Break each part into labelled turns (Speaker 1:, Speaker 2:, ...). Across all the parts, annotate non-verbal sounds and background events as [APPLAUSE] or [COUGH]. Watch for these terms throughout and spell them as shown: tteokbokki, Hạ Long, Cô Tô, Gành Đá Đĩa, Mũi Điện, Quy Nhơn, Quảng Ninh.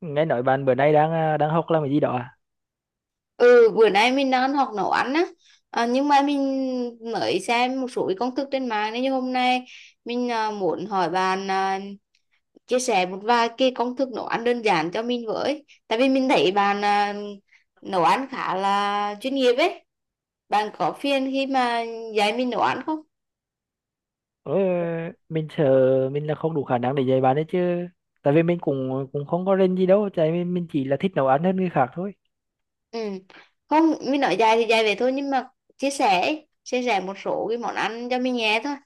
Speaker 1: Nghe nói bạn bữa nay đang đang học làm cái gì đó à?
Speaker 2: Ừ, bữa nay mình đang học nấu ăn á. Nhưng mà mình mới xem một số cái công thức trên mạng nên như hôm nay mình muốn hỏi bạn chia sẻ một vài cái công thức nấu ăn đơn giản cho mình với, tại vì mình thấy bạn nấu ăn khá là chuyên nghiệp ấy. Bạn có phiền khi mà dạy mình nấu ăn không?
Speaker 1: Ủa, mình sợ mình là không đủ khả năng để dạy bạn đấy chứ, tại vì mình cũng cũng không có rên gì đâu, tại vì mình chỉ là thích nấu ăn hơn người khác thôi.
Speaker 2: Ừ. Không, mình nói dạy thì dạy vậy thôi, nhưng mà chia sẻ ấy. Chia sẻ một số cái món ăn cho mình nghe thôi.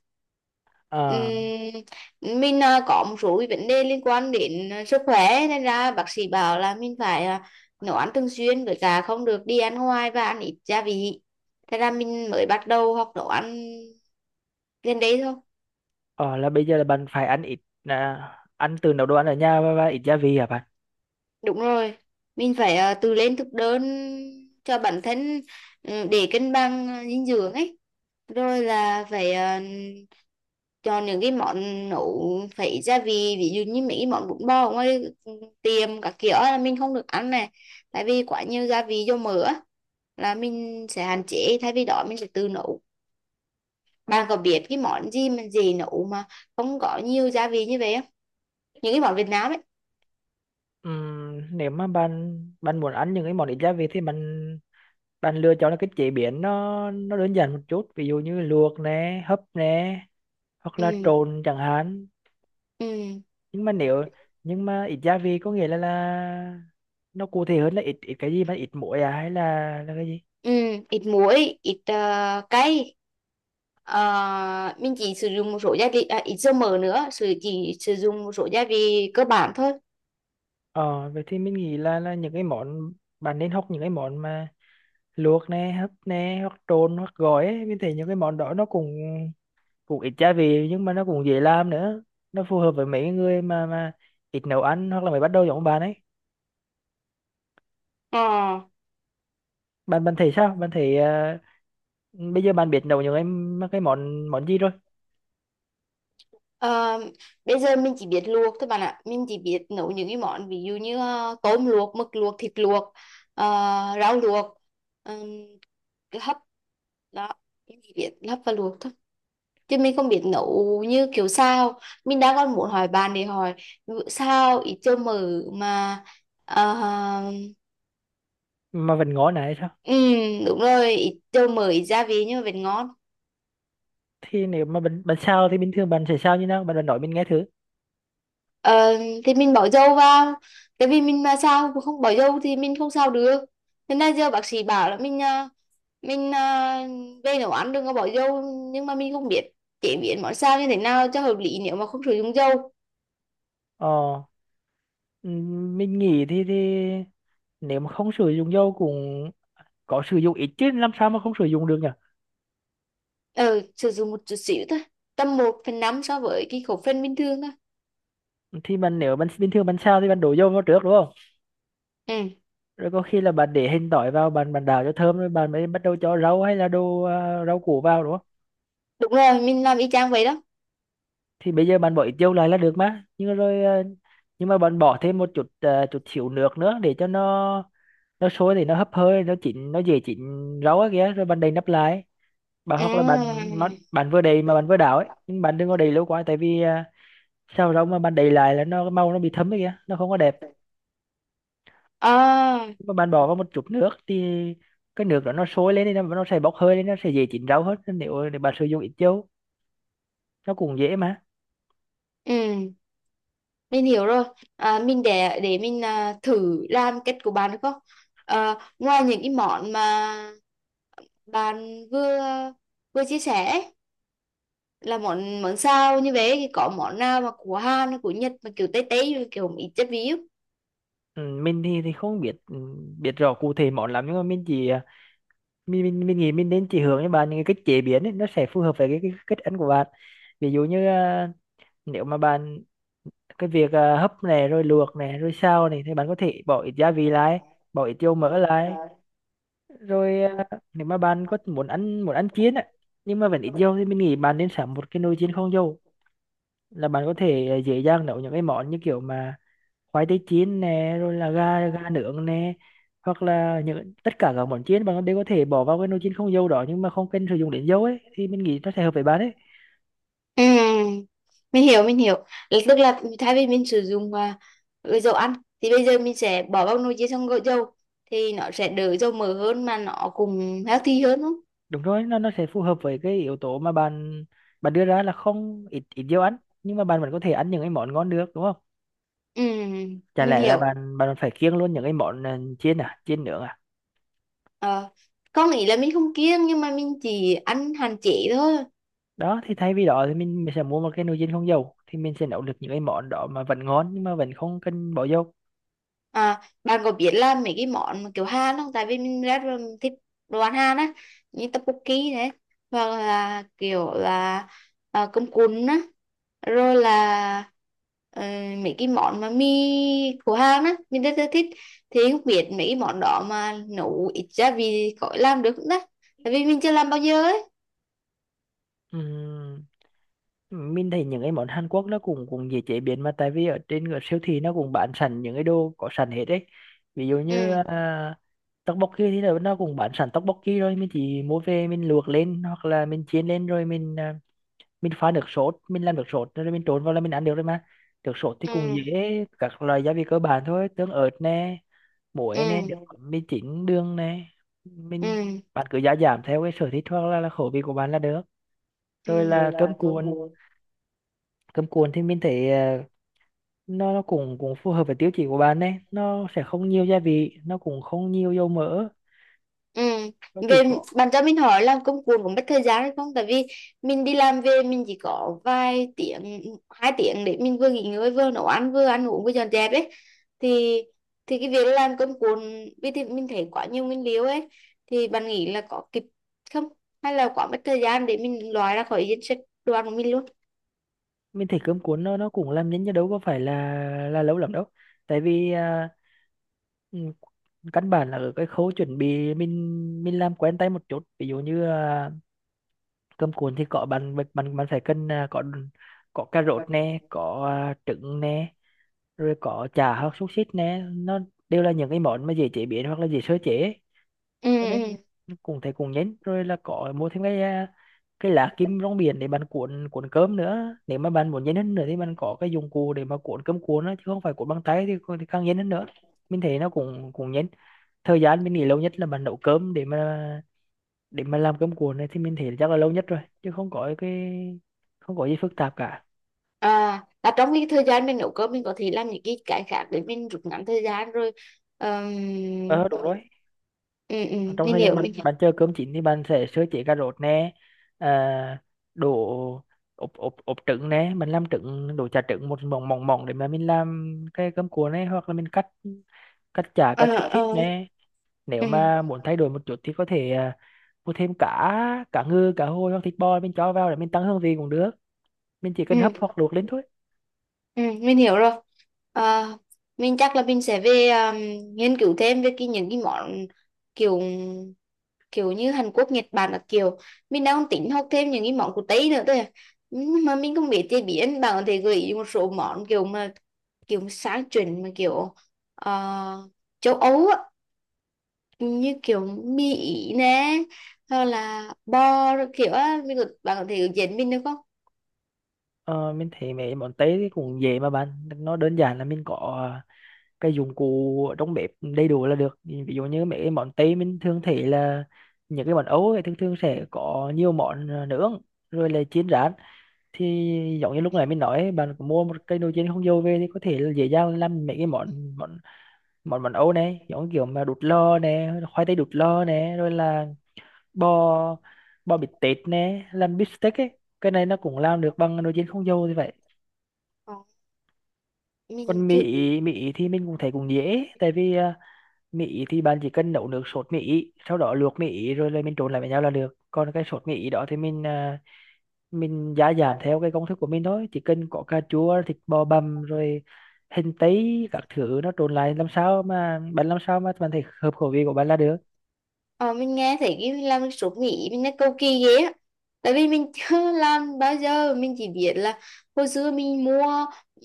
Speaker 1: à,
Speaker 2: Mình có một số cái vấn đề liên quan đến sức khỏe nên ra bác sĩ bảo là mình phải nấu ăn thường xuyên với cả không được đi ăn ngoài và ăn ít gia vị. Thế ra mình mới bắt đầu học nấu ăn gần đây thôi.
Speaker 1: ờ, là bây giờ là bạn phải à, ăn từ nấu đồ ăn ở nhà và ít gia vị hả bạn?
Speaker 2: Đúng rồi, mình phải tự lên thực đơn cho bản thân, ừ, để cân bằng dinh dưỡng ấy. Rồi là phải chọn những cái món nấu phải gia vị, ví dụ như mấy cái món bún bò ở ngoài tiệm các kiểu là mình không được ăn này. Tại vì quá nhiều gia vị dầu mỡ á, là mình sẽ hạn chế, thay vì đó mình sẽ tự nấu. Bạn có biết cái món gì mà dễ nấu mà không có nhiều gia vị như vậy không? Những cái món Việt Nam ấy.
Speaker 1: Nếu mà bạn bạn muốn ăn những cái món ít gia vị thì bạn bạn lựa chọn là cái chế biến nó đơn giản một chút, ví dụ như luộc nè, hấp nè, hoặc là
Speaker 2: Ừ.
Speaker 1: trộn chẳng hạn.
Speaker 2: Ừ.
Speaker 1: nhưng mà nếu nhưng mà ít gia vị có nghĩa là nó cụ thể hơn là ít ít cái gì, mà ít muối à hay là cái gì?
Speaker 2: Ừ, ít muối, ít cay. Ờ, mình chỉ sử dụng một số gia vị, ít dầu mỡ nữa, chỉ sử dụng một số gia vị cơ bản thôi.
Speaker 1: Ờ Vậy thì mình nghĩ là những cái món bạn nên học những cái món mà luộc nè, hấp nè, hoặc trộn hoặc gói ấy. Mình thấy những cái món đó nó cũng cũng ít gia vị, nhưng mà nó cũng dễ làm nữa, nó phù hợp với mấy cái người mà ít nấu ăn hoặc là mới bắt đầu giống bạn ấy.
Speaker 2: Ờ,
Speaker 1: Bạn bạn thấy sao Bạn thấy bây giờ bạn biết nấu những cái món món gì rồi?
Speaker 2: ờ, bây giờ mình chỉ biết luộc thôi bạn ạ. Mình chỉ biết nấu những cái món ví dụ như tôm luộc, mực luộc, thịt luộc, ờ, rau luộc, ừm, cái hấp đó. Mình chỉ biết hấp và luộc thôi. Chứ mình không biết nấu như kiểu sao. Mình đang còn muốn hỏi bạn để hỏi ví dụ sao ít dầu mỡ mà ờ,
Speaker 1: Mà vẫn ngon này.
Speaker 2: ừ, đúng rồi, ít dầu mỡ, ít gia vị nhưng mà vẫn ngon.
Speaker 1: Thì nếu mà bạn bạn sao thì bình thường bạn sẽ sao như nào bạn, bạn nói mình nghe thử.
Speaker 2: Ờ, thì mình bỏ dầu vào, tại vì mình mà sao không bỏ dầu thì mình không sao được. Thế nên giờ bác sĩ bảo là mình à, về nấu ăn đừng có bỏ dầu, nhưng mà mình không biết chế biến món sao như thế nào cho hợp lý nếu mà không sử dụng dầu.
Speaker 1: ờ mình nghĩ thì nếu mà không sử dụng dầu cũng có sử dụng ít chứ, làm sao mà không sử dụng được nhỉ.
Speaker 2: Ờ, sử dụng một chút xíu thôi, tầm một phần 5 so với cái khẩu phần bình thường thôi.
Speaker 1: Thì bạn Nếu bạn bình thường bạn sao thì bạn đổ dầu vào trước đúng không?
Speaker 2: Ừ,
Speaker 1: Rồi có khi là bạn để hành tỏi vào, bạn bạn đảo cho thơm, rồi bạn mới bắt đầu cho rau hay là rau củ vào đúng không?
Speaker 2: đúng rồi, mình làm y chang vậy đó.
Speaker 1: Thì bây giờ bạn bỏ ít dầu lại là được mà, nhưng mà bạn bỏ thêm chút xíu nước nữa để cho nó sôi thì nó hấp hơi nó chín, nó dễ chín rau á kìa, rồi bạn đậy nắp lại, bà hoặc là bạn
Speaker 2: À.
Speaker 1: mà- bạn vừa đầy mà bạn vừa đảo ấy, nhưng bạn đừng có đầy lâu quá, tại vì sao rau mà bạn đầy lại là nó màu nó bị thấm ấy kìa, nó không có đẹp.
Speaker 2: À.
Speaker 1: Nhưng mà bạn bỏ vào một chút nước thì cái nước đó nó sôi lên, thì nó sẽ bốc hơi lên, nó sẽ dễ chín rau hơn. Nên nếu để bạn sử dụng ít dầu nó cũng dễ mà.
Speaker 2: Ừ, mình hiểu rồi. Mình để mình thử làm cách của bạn được không? Ngoài những cái món mà bạn vừa vừa chia sẻ ấy, là món món sao như vậy thì có món nào mà của Hàn hay của Nhật mà kiểu Tây Tây kiểu một ít chất ví
Speaker 1: Ừ, mình thì không biết, biết rõ cụ thể món lắm, nhưng mà mình chỉ à, mình nghĩ mình nên chỉ hướng cho bạn những cái cách chế biến ấy, nó sẽ phù hợp với cái cách ăn của bạn. Ví dụ như nếu mà bạn cái việc à, hấp này rồi luộc này rồi xào này thì bạn có thể bỏ ít gia vị lại, bỏ ít dầu mỡ lại, rồi nếu mà bạn có muốn ăn chiên á, nhưng mà vẫn ít dầu thì mình nghĩ bạn nên sắm một cái nồi chiên không dầu, là bạn có thể dễ dàng nấu những cái món như kiểu mà khoai tây chiên nè, rồi là gà gà nướng nè, hoặc là những tất cả các
Speaker 2: không?
Speaker 1: món chiên bạn đều có thể bỏ vào cái nồi chiên không dầu đó, nhưng mà không cần sử dụng đến dầu ấy, thì mình nghĩ nó sẽ hợp với bạn ấy.
Speaker 2: Ừ, mình hiểu mình hiểu. Là tức là thay vì mình sử dụng ừ, dầu ăn thì bây giờ mình sẽ bỏ vào nồi chiên xong gội dầu thì nó sẽ đỡ dầu mỡ hơn mà nó cũng healthy hơn đúng không?
Speaker 1: Đúng rồi, nó sẽ phù hợp với cái yếu tố mà bạn bạn đưa ra là không ít ít dầu ăn, nhưng mà bạn vẫn có thể ăn những cái món ngon được đúng không?
Speaker 2: Ừ,
Speaker 1: Chả
Speaker 2: mình
Speaker 1: lẽ là
Speaker 2: hiểu.
Speaker 1: bạn bạn phải kiêng luôn những cái món chiên à, chiên nướng à?
Speaker 2: Ờ, có nghĩa là mình không kiêng nhưng mà mình chỉ ăn hạn chế thôi.
Speaker 1: Đó thì thay vì đó thì mình sẽ mua một cái nồi chiên không dầu, thì mình sẽ nấu được những cái món đó mà vẫn ngon nhưng mà vẫn không cần bỏ dầu.
Speaker 2: À, bạn có biết là mấy cái món kiểu Hàn không? Tại vì mình rất là thích đồ ăn Hàn á, như tteokbokki thế, hoặc là kiểu là cơm cuốn á, rồi là ờ, mấy cái món mà mì của Hàn á, mình rất là thích. Thì không biết mấy cái món đó mà nấu ít gia vị có làm được không đó? Tại vì mình chưa làm bao giờ ấy.
Speaker 1: Ừm, mình thấy những cái món Hàn Quốc nó cũng cũng dễ chế biến mà, tại vì ở trên cái siêu thị nó cũng bán sẵn những cái đồ có sẵn hết đấy, ví dụ như
Speaker 2: Ừ,
Speaker 1: tteokbokki thì nó cũng bán sẵn tteokbokki, rồi mình chỉ mua về mình luộc lên hoặc là mình chiên lên, rồi mình pha nước sốt, mình làm nước sốt rồi mình trộn vào là mình ăn được rồi mà. Nước sốt thì cũng
Speaker 2: ừ,
Speaker 1: dễ, các loại gia vị cơ bản thôi: tương ớt nè, muối nè, nước
Speaker 2: ừ,
Speaker 1: mắm, mì chính, đường nè. mình
Speaker 2: ừ,
Speaker 1: Bạn cứ gia giảm theo cái sở thích hoặc là khẩu vị của bạn là được. Rồi là cơm cuộn.
Speaker 2: ừ.
Speaker 1: Cơm cuộn thì mình thấy nó cũng cũng phù hợp với tiêu chí của bạn đấy, nó sẽ không nhiều gia vị, nó cũng không nhiều dầu mỡ,
Speaker 2: Ừ.
Speaker 1: nó chỉ
Speaker 2: Về
Speaker 1: có.
Speaker 2: bạn cho mình hỏi làm công cuồng cũng mất thời gian hay không? Tại vì mình đi làm về mình chỉ có vài tiếng, hai tiếng để mình vừa nghỉ ngơi vừa nấu ăn vừa ăn uống vừa dọn dẹp ấy. Thì thì cái việc làm công cuồng vì thì mình thấy quá nhiều nguyên liệu ấy, thì bạn nghĩ là có kịp không? Hay là quá mất thời gian để mình loại ra khỏi danh sách đồ ăn của mình luôn?
Speaker 1: Mình thấy cơm cuốn nó cũng làm nhanh chứ đâu có phải là lâu lắm đâu, tại vì ừ, căn bản là ở cái khâu chuẩn bị mình làm quen tay một chút, ví dụ như cơm cuốn thì có bạn bạn bạn bạn phải cần có cà rốt nè, có trứng nè, rồi có chả hoặc xúc xích nè, nó đều là những cái món mà dễ chế biến hoặc là dễ sơ chế.
Speaker 2: Ừ.
Speaker 1: Cho nên
Speaker 2: Ừ.
Speaker 1: cũng thấy cũng nhấn, rồi là có mua thêm cái lá kim rong biển để bạn cuộn cuộn cơm nữa, nếu mà bạn muốn nhấn hơn nữa thì bạn có cái dụng cụ để mà cuộn cơm cuộn đó chứ không phải cuộn bằng tay, thì càng nhấn hơn nữa. Mình thấy nó cũng cũng nhấn, thời gian mình nghĩ lâu nhất là bạn nấu cơm để mà làm cơm cuộn này thì mình thấy chắc là lâu nhất rồi, chứ không có gì phức tạp cả.
Speaker 2: À, là trong cái thời gian mình nấu cơm mình có thể làm những cái khác để mình rút ngắn thời gian rồi. Ờm,
Speaker 1: Ờ, đúng rồi.
Speaker 2: ừ, ừ,
Speaker 1: Trong
Speaker 2: mình
Speaker 1: thời gian
Speaker 2: hiểu
Speaker 1: bạn
Speaker 2: mình.
Speaker 1: bạn chờ cơm chín thì bạn sẽ sơ chế cà rốt nè, à, đổ ốp ốp ốp trứng nè, mình làm trứng đổ chả trứng một mỏng mỏng mỏng để mà mình làm cái cơm cuộn này, hoặc là mình cắt cắt chả
Speaker 2: Ờ.
Speaker 1: cắt xúc xích
Speaker 2: Ờ.
Speaker 1: nè. Nếu
Speaker 2: Ừ.
Speaker 1: mà muốn thay đổi một chút thì có thể mua thêm cá cá ngừ, cá hồi hoặc thịt bò, mình cho vào để mình tăng hương vị cũng được, mình chỉ cần hấp
Speaker 2: Ừ.
Speaker 1: hoặc luộc lên thôi.
Speaker 2: Ừ, mình hiểu rồi. Ờ, mình chắc là mình sẽ về nghiên cứu thêm về cái những cái món kiểu kiểu như Hàn Quốc Nhật Bản, là kiểu mình đang tính học thêm những cái món của Tây nữa thôi à. Nhưng mà mình không biết chế biến, bạn có thể gợi ý một số món kiểu mà kiểu sáng chuẩn mà kiểu ờ, châu Âu á, như kiểu mì Ý nè hoặc là bò rồi kiểu á mình có, bạn có thể dẫn mình được không?
Speaker 1: Ờ, mình thấy mấy món Tây thì cũng dễ mà bạn, nó đơn giản là mình có cái dụng cụ trong bếp đầy đủ là được. Ví dụ như mấy cái món Tây mình thường thấy là những cái món Âu ấy, thường thường sẽ có nhiều món nướng, rồi là chiên rán, thì giống như lúc nãy mình nói ấy, bạn có mua một cái nồi chiên không dầu về thì có thể là dễ dàng làm mấy cái món món món món Âu này, giống kiểu mà đút lò nè, khoai tây đút lò nè, rồi là bò bò bít tết nè, làm bít tết ấy, cái này nó cũng làm được bằng nồi chiên không dầu như vậy.
Speaker 2: Ờ, mình
Speaker 1: Còn mì
Speaker 2: chưa.
Speaker 1: Ý, mì Ý thì mình cũng thấy cũng dễ, tại vì Mỹ thì bạn chỉ cần nấu nước sốt Mỹ sau đó luộc Mỹ rồi là mình trộn lại với nhau là được. Còn cái sốt Mỹ đó thì mình gia giảm theo cái công thức của mình thôi, chỉ cần có cà chua, thịt bò bằm, rồi hành tây các thứ, nó trộn lại làm sao mà bạn thấy hợp khẩu vị của bạn là được.
Speaker 2: Ờ, mình nghe thấy cái làm cái sốt Mỹ mình nó cầu kỳ ghê á, tại vì mình chưa [LAUGHS] làm bao giờ, mình chỉ biết là hồi xưa mình mua,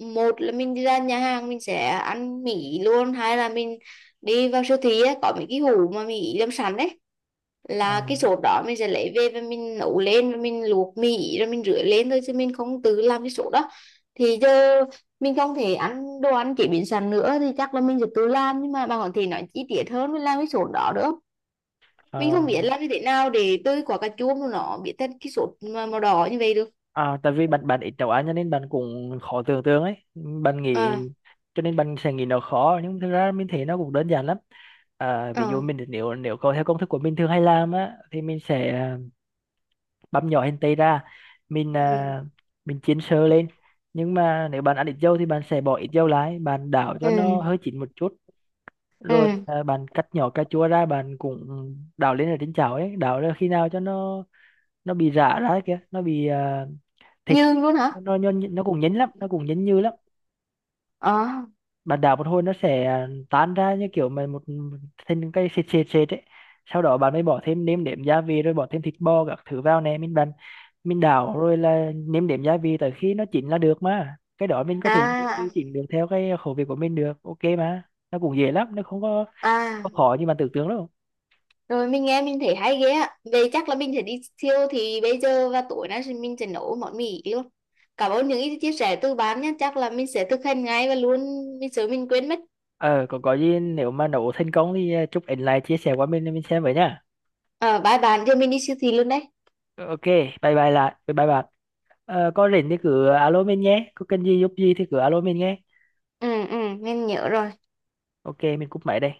Speaker 2: một là mình đi ra nhà hàng mình sẽ ăn Mỹ luôn, hai là mình đi vào siêu thị á, có mấy cái hũ mà Mỹ làm sẵn đấy
Speaker 1: Ờ,
Speaker 2: là cái sốt đó, mình sẽ lấy về và mình nấu lên và mình luộc mì rồi mình rửa lên thôi chứ mình không tự làm cái sốt đó. Thì giờ mình không thể ăn đồ ăn chế biến sẵn nữa thì chắc là mình sẽ tự làm, nhưng mà bạn có thể nói chi tiết hơn mình làm cái sốt đó được không?
Speaker 1: ờ,
Speaker 2: Mình không biết làm như thế nào để tơi quả cà chua mà nó biến thành cái sốt mà màu đỏ như vậy được.
Speaker 1: Tại vì bạn bạn ít nấu ăn cho nên bạn cũng khó tưởng tượng ấy bạn nghĩ,
Speaker 2: Ờ.
Speaker 1: cho nên bạn sẽ nghĩ nó khó nhưng thực ra mình thấy nó cũng đơn giản lắm. Ví dụ
Speaker 2: Ờ.
Speaker 1: mình nếu nếu có theo công thức của mình thường hay làm á thì mình sẽ băm nhỏ hành tây ra, mình à,
Speaker 2: Ừ.
Speaker 1: mình chiên sơ lên, nhưng mà nếu bạn ăn ít dầu thì bạn sẽ bỏ ít dầu lại, bạn đảo cho nó
Speaker 2: Ừ.
Speaker 1: hơi chín một chút. Rồi
Speaker 2: Ừ.
Speaker 1: bạn cắt nhỏ cà chua ra, bạn cũng đảo lên ở trên chảo ấy, đảo ra khi nào cho nó bị rã ra kìa, nó bị à, thịt
Speaker 2: Nhương luôn hả?
Speaker 1: nó cũng nhấn lắm, nó cũng nhấn như lắm,
Speaker 2: Ờ.
Speaker 1: bạn đảo một hồi nó sẽ tan ra như kiểu mà một một- thành cái sệt sệt sệt ấy. Sau đó bạn mới bỏ thêm nêm nếm gia vị rồi bỏ thêm thịt bò các thứ vào nè, mình đảo rồi là nêm nếm gia vị tới khi nó chín là được mà, cái đó mình có thể đi-
Speaker 2: À.
Speaker 1: đi chỉnh được theo cái khẩu vị của mình được ok mà. Nó cũng dễ lắm, nó không có
Speaker 2: À.
Speaker 1: khó như bạn tưởng tượng đâu.
Speaker 2: Rồi mình nghe mình thấy hay ghê á, vậy chắc là mình sẽ đi siêu thì bây giờ và tối nay thì mình sẽ nấu món mì luôn. Cảm ơn những ý chia sẻ từ bạn nhé, chắc là mình sẽ thực hành ngay và luôn, mình sợ mình quên mất.
Speaker 1: Ờ Còn có gì nếu mà nấu thành công thì chúc ảnh lại chia sẻ qua mình xem với nhá.
Speaker 2: Ờ, bye bạn, giờ mình đi siêu thị luôn đấy.
Speaker 1: Ok, bye bye lại bye bye bạn. Ờ, có rảnh thì cứ alo mình nhé, có cần gì giúp gì thì cứ alo mình nhé.
Speaker 2: Ừ, ừ, mình nhớ rồi.
Speaker 1: Ok, mình cúp máy đây.